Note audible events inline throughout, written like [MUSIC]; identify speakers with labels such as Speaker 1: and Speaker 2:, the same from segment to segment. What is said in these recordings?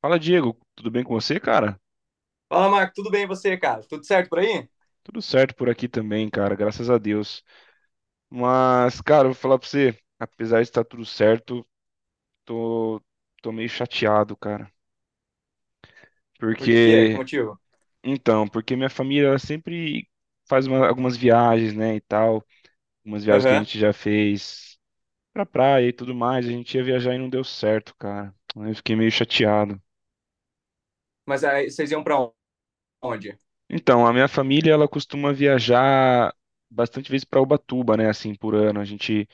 Speaker 1: Fala, Diego. Tudo bem com você, cara?
Speaker 2: Fala, Marco, tudo bem e você, cara? Tudo certo por aí?
Speaker 1: Tudo certo por aqui também, cara. Graças a Deus. Mas, cara, eu vou falar pra você, apesar de estar tudo certo, tô, tô meio chateado, cara.
Speaker 2: Por quê? Que
Speaker 1: Porque,
Speaker 2: motivo?
Speaker 1: então, porque minha família ela sempre algumas viagens, né, e tal. Algumas viagens que a
Speaker 2: Aham.
Speaker 1: gente já fez pra praia e tudo mais. A gente ia viajar e não deu certo, cara. Aí eu fiquei meio chateado.
Speaker 2: Mas aí vocês iam pra onde?
Speaker 1: Então, a minha família, ela costuma viajar bastante vezes para Ubatuba, né, assim, por ano. A gente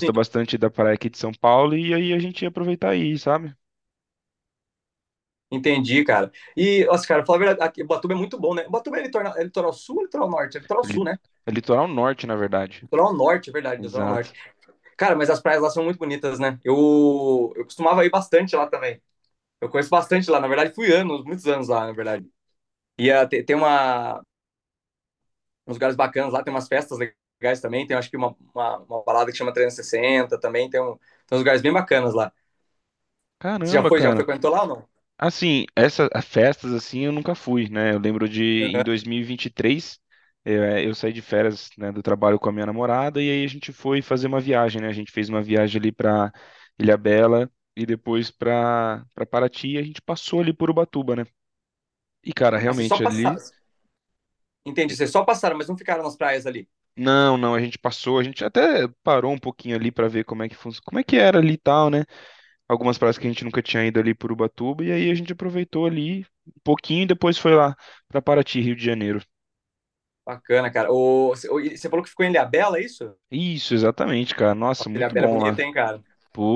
Speaker 2: Sim,
Speaker 1: bastante da praia aqui de São Paulo e aí a gente ia aproveitar aí, sabe?
Speaker 2: entendi, cara. E, nossa, cara, falar a verdade, aqui, Botuba é muito bom, né? Botuba é litoral sul ou litoral norte? É litoral
Speaker 1: É li-
Speaker 2: sul, né?
Speaker 1: É litoral norte, na verdade.
Speaker 2: Litoral norte, é verdade, litoral norte.
Speaker 1: Exato.
Speaker 2: Cara, mas as praias lá são muito bonitas, né? Eu costumava ir bastante lá também. Eu conheço bastante lá, na verdade, fui anos, muitos anos lá, na verdade. E tem uns lugares bacanas lá, tem umas festas legais também, tem acho que uma balada que chama 360 também, tem uns lugares bem bacanas lá. Você já
Speaker 1: Caramba,
Speaker 2: foi? Já
Speaker 1: cara.
Speaker 2: frequentou lá ou não?
Speaker 1: Assim, essas festas assim eu nunca fui, né? Eu lembro de em 2023, eu saí de férias, né, do trabalho com a minha namorada e aí a gente foi fazer uma viagem, né? A gente fez uma viagem ali para Ilhabela e depois para Paraty e a gente passou ali por Ubatuba, né? E cara,
Speaker 2: Ah, vocês só
Speaker 1: realmente
Speaker 2: passaram.
Speaker 1: ali.
Speaker 2: Entendi, vocês só passaram, mas não ficaram nas praias ali.
Speaker 1: Não, não, a gente passou, a gente até parou um pouquinho ali para ver como é que funciona, como é que era ali e tal, né? Algumas praias que a gente nunca tinha ido ali por Ubatuba e aí a gente aproveitou ali um pouquinho e depois foi lá para Paraty, Rio de Janeiro.
Speaker 2: Bacana, cara. O, você falou que ficou em Ilhabela, é isso?
Speaker 1: Isso, exatamente, cara. Nossa,
Speaker 2: Nossa,
Speaker 1: muito
Speaker 2: Ilhabela é
Speaker 1: bom lá.
Speaker 2: bonita, hein, cara?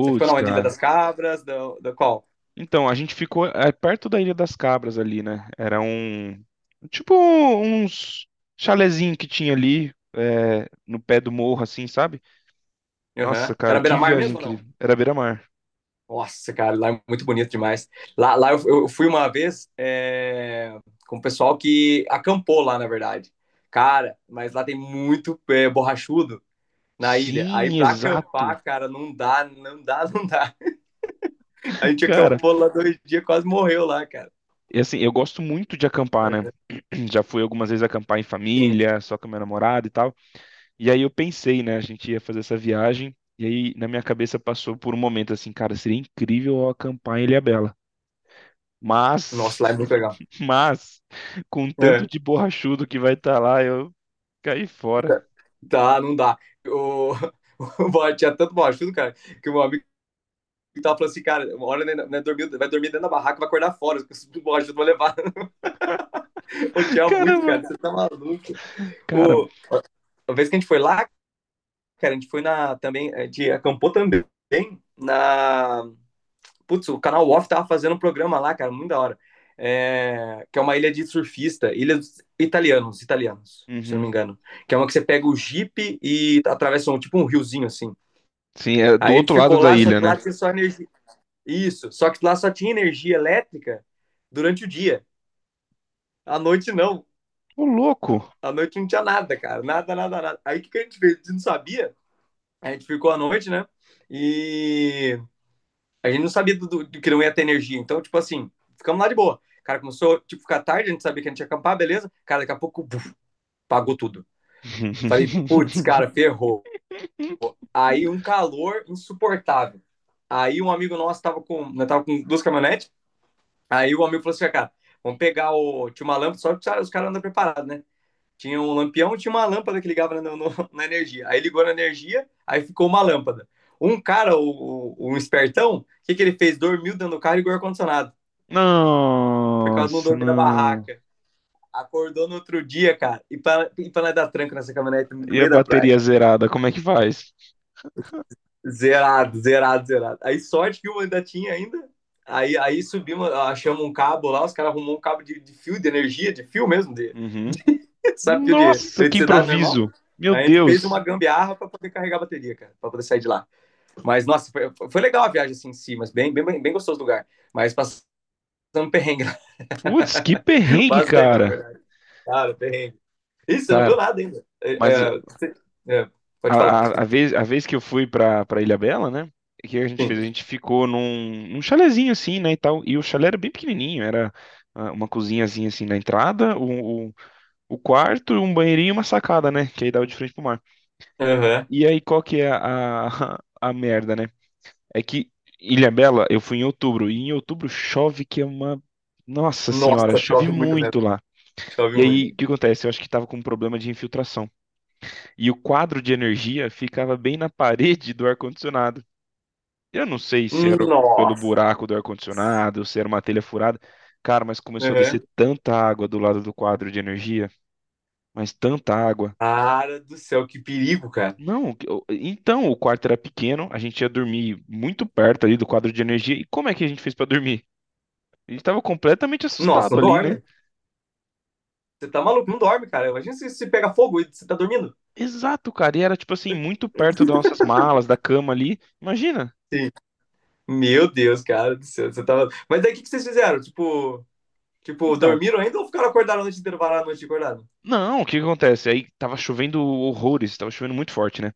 Speaker 2: Você ficou na onde? Ilha das
Speaker 1: cara.
Speaker 2: Cabras, da qual?
Speaker 1: Então, a gente ficou, é, perto da Ilha das Cabras ali, né? Era um. Tipo, uns chalezinho que tinha ali, é, no pé do morro, assim, sabe?
Speaker 2: Aham.
Speaker 1: Nossa, cara,
Speaker 2: Era
Speaker 1: que
Speaker 2: beira-mar
Speaker 1: viagem
Speaker 2: mesmo ou não?
Speaker 1: incrível. Era beira-mar.
Speaker 2: Nossa, cara, lá é muito bonito demais. Lá eu fui uma vez com o pessoal que acampou lá, na verdade. Cara, mas lá tem muito borrachudo na ilha. Aí
Speaker 1: Sim,
Speaker 2: pra
Speaker 1: exato.
Speaker 2: acampar, cara, não dá, não dá, [LAUGHS] não dá. A gente
Speaker 1: Cara,
Speaker 2: acampou lá 2 dias, quase morreu lá, cara.
Speaker 1: e assim, eu gosto muito de acampar, né? [CLEARS THROAT] Já fui algumas vezes acampar em
Speaker 2: Sim.
Speaker 1: família, só com a minha namorada e tal. E aí eu pensei, né, a gente ia fazer essa viagem, e aí na minha cabeça passou por um momento assim, cara, seria incrível eu acampar em Ilhabela. Mas,
Speaker 2: Nossa, lá é muito legal.
Speaker 1: [LAUGHS] mas, com tanto
Speaker 2: É,
Speaker 1: de borrachudo que vai estar lá, eu caí fora.
Speaker 2: tá, não dá. O, [LAUGHS] o Bob tinha tanto mau ajudo, cara, que o meu amigo tava falando assim, cara, uma hora né, dormir, vai dormir dentro da barraca, vai acordar fora, os mau ajudo vão levar. [LAUGHS] Eu
Speaker 1: [LAUGHS]
Speaker 2: tinha muito, cara, você
Speaker 1: Caramba,
Speaker 2: tá maluco.
Speaker 1: cara.
Speaker 2: O, a vez que a gente foi lá, cara, a gente foi na, também, a gente acampou também na Putz, o canal Off tava fazendo um programa lá, cara, muito da hora. É, que é uma ilha de surfista, ilha dos italianos, italianos, se eu não
Speaker 1: Uhum.
Speaker 2: me engano. Que é uma que você pega o Jeep e atravessa tipo um riozinho assim.
Speaker 1: Sim, é do
Speaker 2: Aí a
Speaker 1: outro
Speaker 2: gente
Speaker 1: lado
Speaker 2: ficou
Speaker 1: da
Speaker 2: lá, só
Speaker 1: ilha,
Speaker 2: que
Speaker 1: né?
Speaker 2: lá tinha só energia. Isso, só que lá só tinha energia elétrica durante o dia. À noite não.
Speaker 1: Ô, louco.
Speaker 2: À noite não tinha nada, cara. Nada, nada, nada. Aí o que, que a gente fez? A gente não sabia. A gente ficou à noite, né? E a gente não sabia do que não ia ter energia. Então, tipo assim, ficamos lá de boa. Cara, começou, tipo, ficar tarde, a gente sabia que a gente ia acampar, beleza. Cara, daqui a pouco, buf, pagou tudo. Falei, putz,
Speaker 1: [LAUGHS]
Speaker 2: cara, ferrou. Aí um calor insuportável. Aí um amigo nosso tava com duas caminhonetes. Aí o amigo falou assim, cara, vamos pegar o... Tinha uma lâmpada, só que os caras andam preparados, né? Tinha um lampião e tinha uma lâmpada que ligava né, no, no, na energia. Aí ligou na energia, aí ficou uma lâmpada. Um cara, o um espertão, o que, que ele fez? Dormiu dentro do carro e ligou o ar-condicionado. Por causa de não
Speaker 1: Nossa,
Speaker 2: dormir na
Speaker 1: não.
Speaker 2: barraca. Acordou no outro dia, cara. E pra nós dar tranco nessa caminhonete no
Speaker 1: E a
Speaker 2: meio da praia,
Speaker 1: bateria
Speaker 2: cara.
Speaker 1: zerada, como é que faz?
Speaker 2: Zerado, zerado, zerado. Aí sorte que o ainda tinha ainda. Aí subimos, achamos um cabo lá, os caras arrumou um cabo de fio de energia, de fio mesmo, de,
Speaker 1: Uhum.
Speaker 2: [LAUGHS] sabe, fio de
Speaker 1: Nossa, que
Speaker 2: eletricidade normal.
Speaker 1: improviso! Meu
Speaker 2: Aí a gente fez uma
Speaker 1: Deus!
Speaker 2: gambiarra para poder carregar a bateria, cara, para poder sair de lá. Mas, nossa, foi legal a viagem assim em si, mas bem, bem, bem gostoso o lugar. Mas passando [LAUGHS] perrengue,
Speaker 1: Putz, que perrengue,
Speaker 2: bastante, na
Speaker 1: cara.
Speaker 2: verdade. Cara, perrengue. Isso, você não viu
Speaker 1: Cara,
Speaker 2: nada ainda. É,
Speaker 1: mas
Speaker 2: é, é, pode falar.
Speaker 1: a vez que eu fui pra, pra Ilhabela, né? O que a gente fez?
Speaker 2: Sim.
Speaker 1: A gente ficou num, num chalezinho assim, né, e tal. E o chalé era bem pequenininho, era, ah, uma cozinhazinha assim na entrada, o quarto, um banheirinho e uma sacada, né? Que aí dava de frente pro mar.
Speaker 2: Aham.
Speaker 1: E aí, qual que é [LAUGHS] a merda, né? É que Ilhabela, eu fui em outubro, e em outubro chove que é uma... Nossa senhora,
Speaker 2: Nossa,
Speaker 1: chove
Speaker 2: chove muito mesmo.
Speaker 1: muito lá.
Speaker 2: Chove
Speaker 1: E
Speaker 2: muito.
Speaker 1: aí, o que acontece? Eu acho que tava com um problema de infiltração. E o quadro de energia ficava bem na parede do ar-condicionado. Eu não sei se era pelo
Speaker 2: Nossa.
Speaker 1: buraco do ar-condicionado, se era uma telha furada. Cara, mas começou a descer
Speaker 2: Aham.
Speaker 1: tanta água do lado do quadro de energia, mas tanta água.
Speaker 2: Cara do céu, que perigo, cara.
Speaker 1: Não, que- eu- então o quarto era pequeno, a gente ia dormir muito perto ali do quadro de energia. E como é que a gente fez pra dormir? A gente tava completamente
Speaker 2: Nossa,
Speaker 1: assustado
Speaker 2: não
Speaker 1: ali, né?
Speaker 2: dorme. Você tá maluco, não dorme, cara. Imagina se pega fogo e você tá dormindo.
Speaker 1: Exato, cara, e era tipo assim, muito perto das nossas malas, da cama ali. Imagina.
Speaker 2: Sim. Meu Deus, cara do céu, você tava. Mas daí o que, que vocês fizeram? Tipo,
Speaker 1: Então,
Speaker 2: dormiram ainda ou ficaram acordados a noite inteira, pararam a noite acordado?
Speaker 1: não, o que que acontece? Aí tava chovendo horrores, tava chovendo muito forte, né?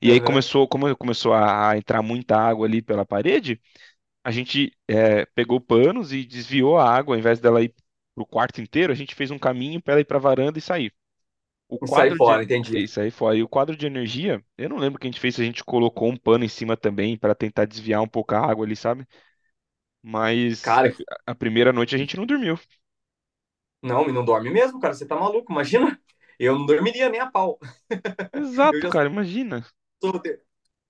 Speaker 1: E aí
Speaker 2: Aham.
Speaker 1: começou, como começou a entrar muita água ali pela parede, a gente, pegou panos e desviou a água, ao invés dela ir pro quarto inteiro, a gente fez um caminho para ela ir pra varanda e sair. O
Speaker 2: E sair
Speaker 1: quadro
Speaker 2: fora,
Speaker 1: de
Speaker 2: entendi.
Speaker 1: isso aí foi aí o quadro de energia. Eu não lembro o que a gente fez, se a gente colocou um pano em cima também para tentar desviar um pouco a água ali, sabe? Mas
Speaker 2: Cara,
Speaker 1: a primeira noite a gente não dormiu.
Speaker 2: não, e não dorme mesmo, cara. Você tá maluco, imagina. Eu não dormiria nem a pau. [LAUGHS] Eu
Speaker 1: Exato,
Speaker 2: já
Speaker 1: cara, imagina.
Speaker 2: sou,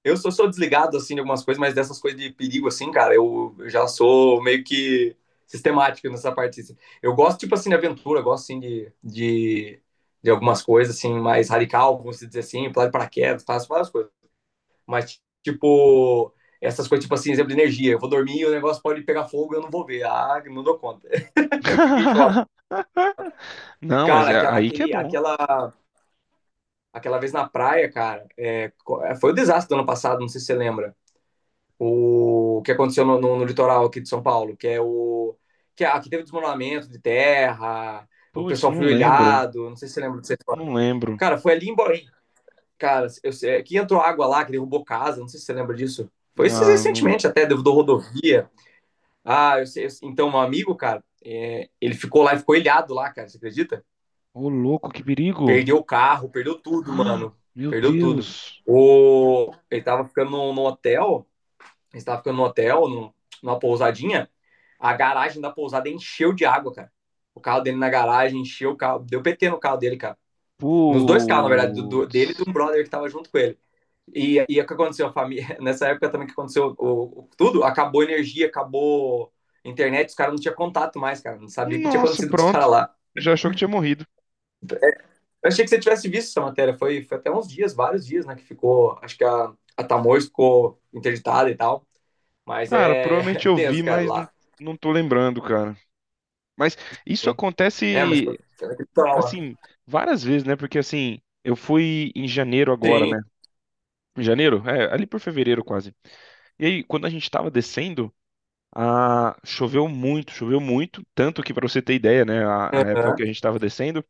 Speaker 2: eu sou desligado, assim, de algumas coisas, mas dessas coisas de perigo, assim, cara, eu já sou meio que sistemático nessa parte, assim. Eu gosto, tipo assim, de aventura, gosto, assim, de algumas coisas, assim, mais radical, vamos dizer assim, pular de paraquedas, faço várias coisas. Mas, tipo, essas coisas, tipo assim, exemplo de energia. Eu vou dormir e o negócio pode pegar fogo e eu não vou ver. Ah, não dou conta. [LAUGHS] Eu fico em choque.
Speaker 1: [LAUGHS] Não, mas
Speaker 2: Cara,
Speaker 1: é
Speaker 2: aquela,
Speaker 1: aí que é
Speaker 2: aquele,
Speaker 1: bom.
Speaker 2: aquela, aquela vez na praia, cara, foi o desastre do ano passado, não sei se você lembra. O que aconteceu no litoral aqui de São Paulo, que é aqui teve desmoronamento de terra, o
Speaker 1: Putz,
Speaker 2: pessoal foi
Speaker 1: não lembro.
Speaker 2: olhado, não sei se você lembra disso história.
Speaker 1: Não lembro.
Speaker 2: Cara, foi ali em Borém, cara, que entrou água lá, que derrubou casa, não sei se você lembra disso. Foi isso
Speaker 1: Ah, não...
Speaker 2: recentemente até, derrubou rodovia. Ah, eu sei, eu sei. Então um amigo, cara, ele ficou lá e ficou ilhado lá, cara, você acredita?
Speaker 1: Ô, louco, que perigo!
Speaker 2: Perdeu o
Speaker 1: [GASPS]
Speaker 2: carro, perdeu tudo,
Speaker 1: Ah,
Speaker 2: mano,
Speaker 1: meu
Speaker 2: perdeu tudo.
Speaker 1: Deus!
Speaker 2: O, ele tava ficando num hotel estava ficando no hotel, numa pousadinha, a garagem da pousada encheu de água, cara. O carro dele na garagem encheu o carro, deu PT no carro dele, cara. Nos dois carros, na verdade,
Speaker 1: Putz!
Speaker 2: dele e de um brother que tava junto com ele. E é o que aconteceu? A família, [LAUGHS] nessa época também que aconteceu tudo, acabou a energia, acabou a internet, os caras não tinham contato mais, cara. Não sabia o que tinha
Speaker 1: Nossa,
Speaker 2: acontecido com os
Speaker 1: pronto.
Speaker 2: caras lá.
Speaker 1: Já achou que tinha morrido.
Speaker 2: Eu achei que você tivesse visto essa matéria. Foi até uns dias, vários dias, né? Que ficou. Acho que a Tamoios ficou interditada e tal. Mas
Speaker 1: Cara,
Speaker 2: é
Speaker 1: provavelmente
Speaker 2: [LAUGHS]
Speaker 1: eu
Speaker 2: tenso,
Speaker 1: vi,
Speaker 2: cara,
Speaker 1: mas não,
Speaker 2: lá.
Speaker 1: não tô lembrando, cara. Mas isso
Speaker 2: É, mas foi
Speaker 1: acontece,
Speaker 2: foi naquele lá.
Speaker 1: assim, várias vezes, né? Porque, assim, eu fui em janeiro agora,
Speaker 2: Sim.
Speaker 1: né? Em janeiro? É, ali por fevereiro quase. E aí, quando a gente tava descendo. Ah, choveu muito, tanto que para você ter ideia, né, a época que
Speaker 2: Aham.
Speaker 1: a gente estava descendo,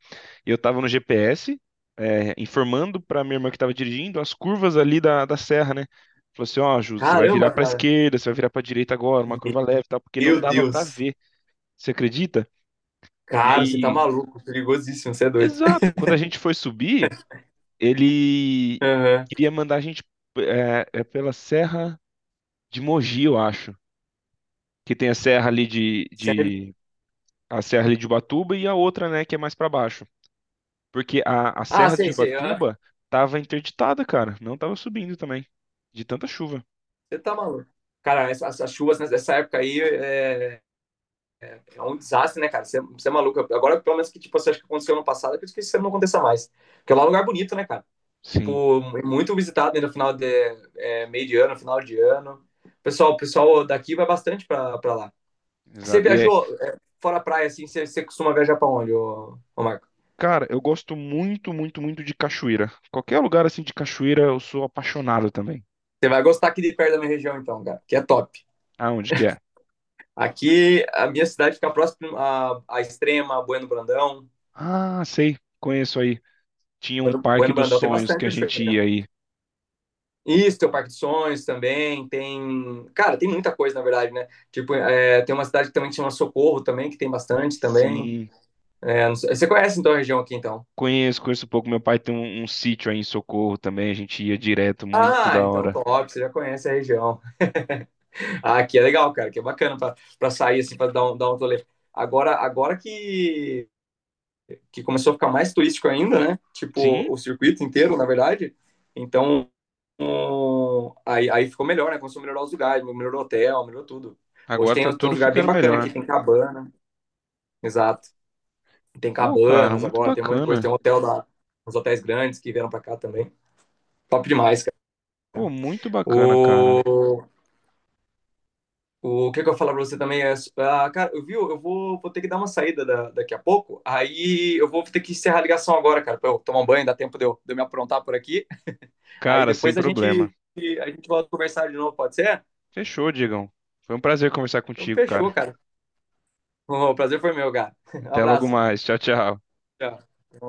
Speaker 1: eu estava no GPS, é, informando para minha irmã que estava dirigindo as curvas ali da, da serra, né? Falou assim, ó, Ju, você vai virar
Speaker 2: Caramba,
Speaker 1: para
Speaker 2: cara.
Speaker 1: esquerda, você vai virar para direita agora, uma curva leve, e tal, porque não
Speaker 2: Meu
Speaker 1: dava para
Speaker 2: Deus.
Speaker 1: ver. Você acredita? E
Speaker 2: Cara, você tá
Speaker 1: aí,
Speaker 2: maluco. Perigosíssimo, você é doido.
Speaker 1: exato,
Speaker 2: [LAUGHS]
Speaker 1: quando a gente foi subir, ele
Speaker 2: Aham.
Speaker 1: queria mandar a gente, é pela serra de Mogi, eu acho, que tem a serra ali
Speaker 2: Sério?
Speaker 1: de, a Serra ali de Ubatuba e a outra, né, que é mais pra baixo. Porque a
Speaker 2: Ah,
Speaker 1: Serra de
Speaker 2: sei, sei. Aham.
Speaker 1: Ubatuba tava interditada, cara. Não tava subindo também, de tanta chuva.
Speaker 2: Você tá maluco. Cara, essas, as chuvas nessa época aí é um desastre, né, cara? Você é maluco. Agora, pelo menos que tipo, você acha que aconteceu ano passado, eu acredito que isso não aconteça mais. Porque lá é um lugar bonito, né, cara?
Speaker 1: Sim,
Speaker 2: Tipo, é muito visitado ainda no meio de ano, final de ano. O pessoal daqui vai bastante pra lá. Você
Speaker 1: exato. E é,
Speaker 2: viajou fora a praia, assim, você costuma viajar pra onde, ô Marco?
Speaker 1: cara, eu gosto muito, muito, muito de cachoeira. Qualquer lugar assim de cachoeira, eu sou apaixonado também.
Speaker 2: Você vai gostar aqui de perto da minha região, então, cara, que é top.
Speaker 1: Ah, onde que é?
Speaker 2: Aqui, a minha cidade fica próxima à Extrema, Bueno Brandão.
Speaker 1: Ah, sei, conheço aí. Tinha um
Speaker 2: Bueno,
Speaker 1: parque
Speaker 2: bueno
Speaker 1: dos
Speaker 2: Brandão tem
Speaker 1: sonhos
Speaker 2: bastante
Speaker 1: que a gente
Speaker 2: cachoeira, cara.
Speaker 1: ia aí.
Speaker 2: Isso, tem o Parque de Sonhos também, tem... Cara, tem muita coisa, na verdade, né? Tipo, tem uma cidade que também chama Socorro também, que tem bastante também.
Speaker 1: Sim,
Speaker 2: É, não sei- Você conhece, então, a região aqui, então?
Speaker 1: conheço, conheço um pouco. Meu pai tem um, um sítio aí em Socorro também, a gente ia direto, muito
Speaker 2: Ah,
Speaker 1: da
Speaker 2: então
Speaker 1: hora.
Speaker 2: top, você já conhece a região. Ah, aqui é legal, cara, que é bacana para sair, assim, para dar um rolê. Agora que começou a ficar mais turístico ainda, né? Tipo,
Speaker 1: Sim,
Speaker 2: o circuito inteiro, na verdade. Então, aí ficou melhor, né? Começou a melhorar os lugares, melhorou o hotel, melhorou tudo. Hoje
Speaker 1: agora
Speaker 2: tem,
Speaker 1: tá
Speaker 2: tem uns
Speaker 1: tudo
Speaker 2: lugares bem
Speaker 1: ficando
Speaker 2: bacanas aqui,
Speaker 1: melhor.
Speaker 2: tem cabana, exato. Tem
Speaker 1: Pô, cara,
Speaker 2: cabanas
Speaker 1: muito
Speaker 2: agora, tem um monte de coisa, tem
Speaker 1: bacana.
Speaker 2: uns hotéis grandes que vieram para cá também. Top demais, cara.
Speaker 1: Pô, muito bacana,
Speaker 2: O,
Speaker 1: cara.
Speaker 2: Que, que eu ia falar pra você também cara, eu vou ter que dar uma saída daqui a pouco, aí eu vou ter que encerrar a ligação agora, cara, pra eu tomar um banho, dá tempo de eu me aprontar por aqui, aí
Speaker 1: Cara, sem
Speaker 2: depois a
Speaker 1: problema.
Speaker 2: gente, a gente volta a conversar de novo, pode ser?
Speaker 1: Fechou, Diegão. Foi um prazer conversar
Speaker 2: Então
Speaker 1: contigo,
Speaker 2: fechou,
Speaker 1: cara.
Speaker 2: cara. O prazer foi meu, cara. [LAUGHS]
Speaker 1: Até logo
Speaker 2: Abraço.
Speaker 1: mais. Tchau, tchau.
Speaker 2: Tchau.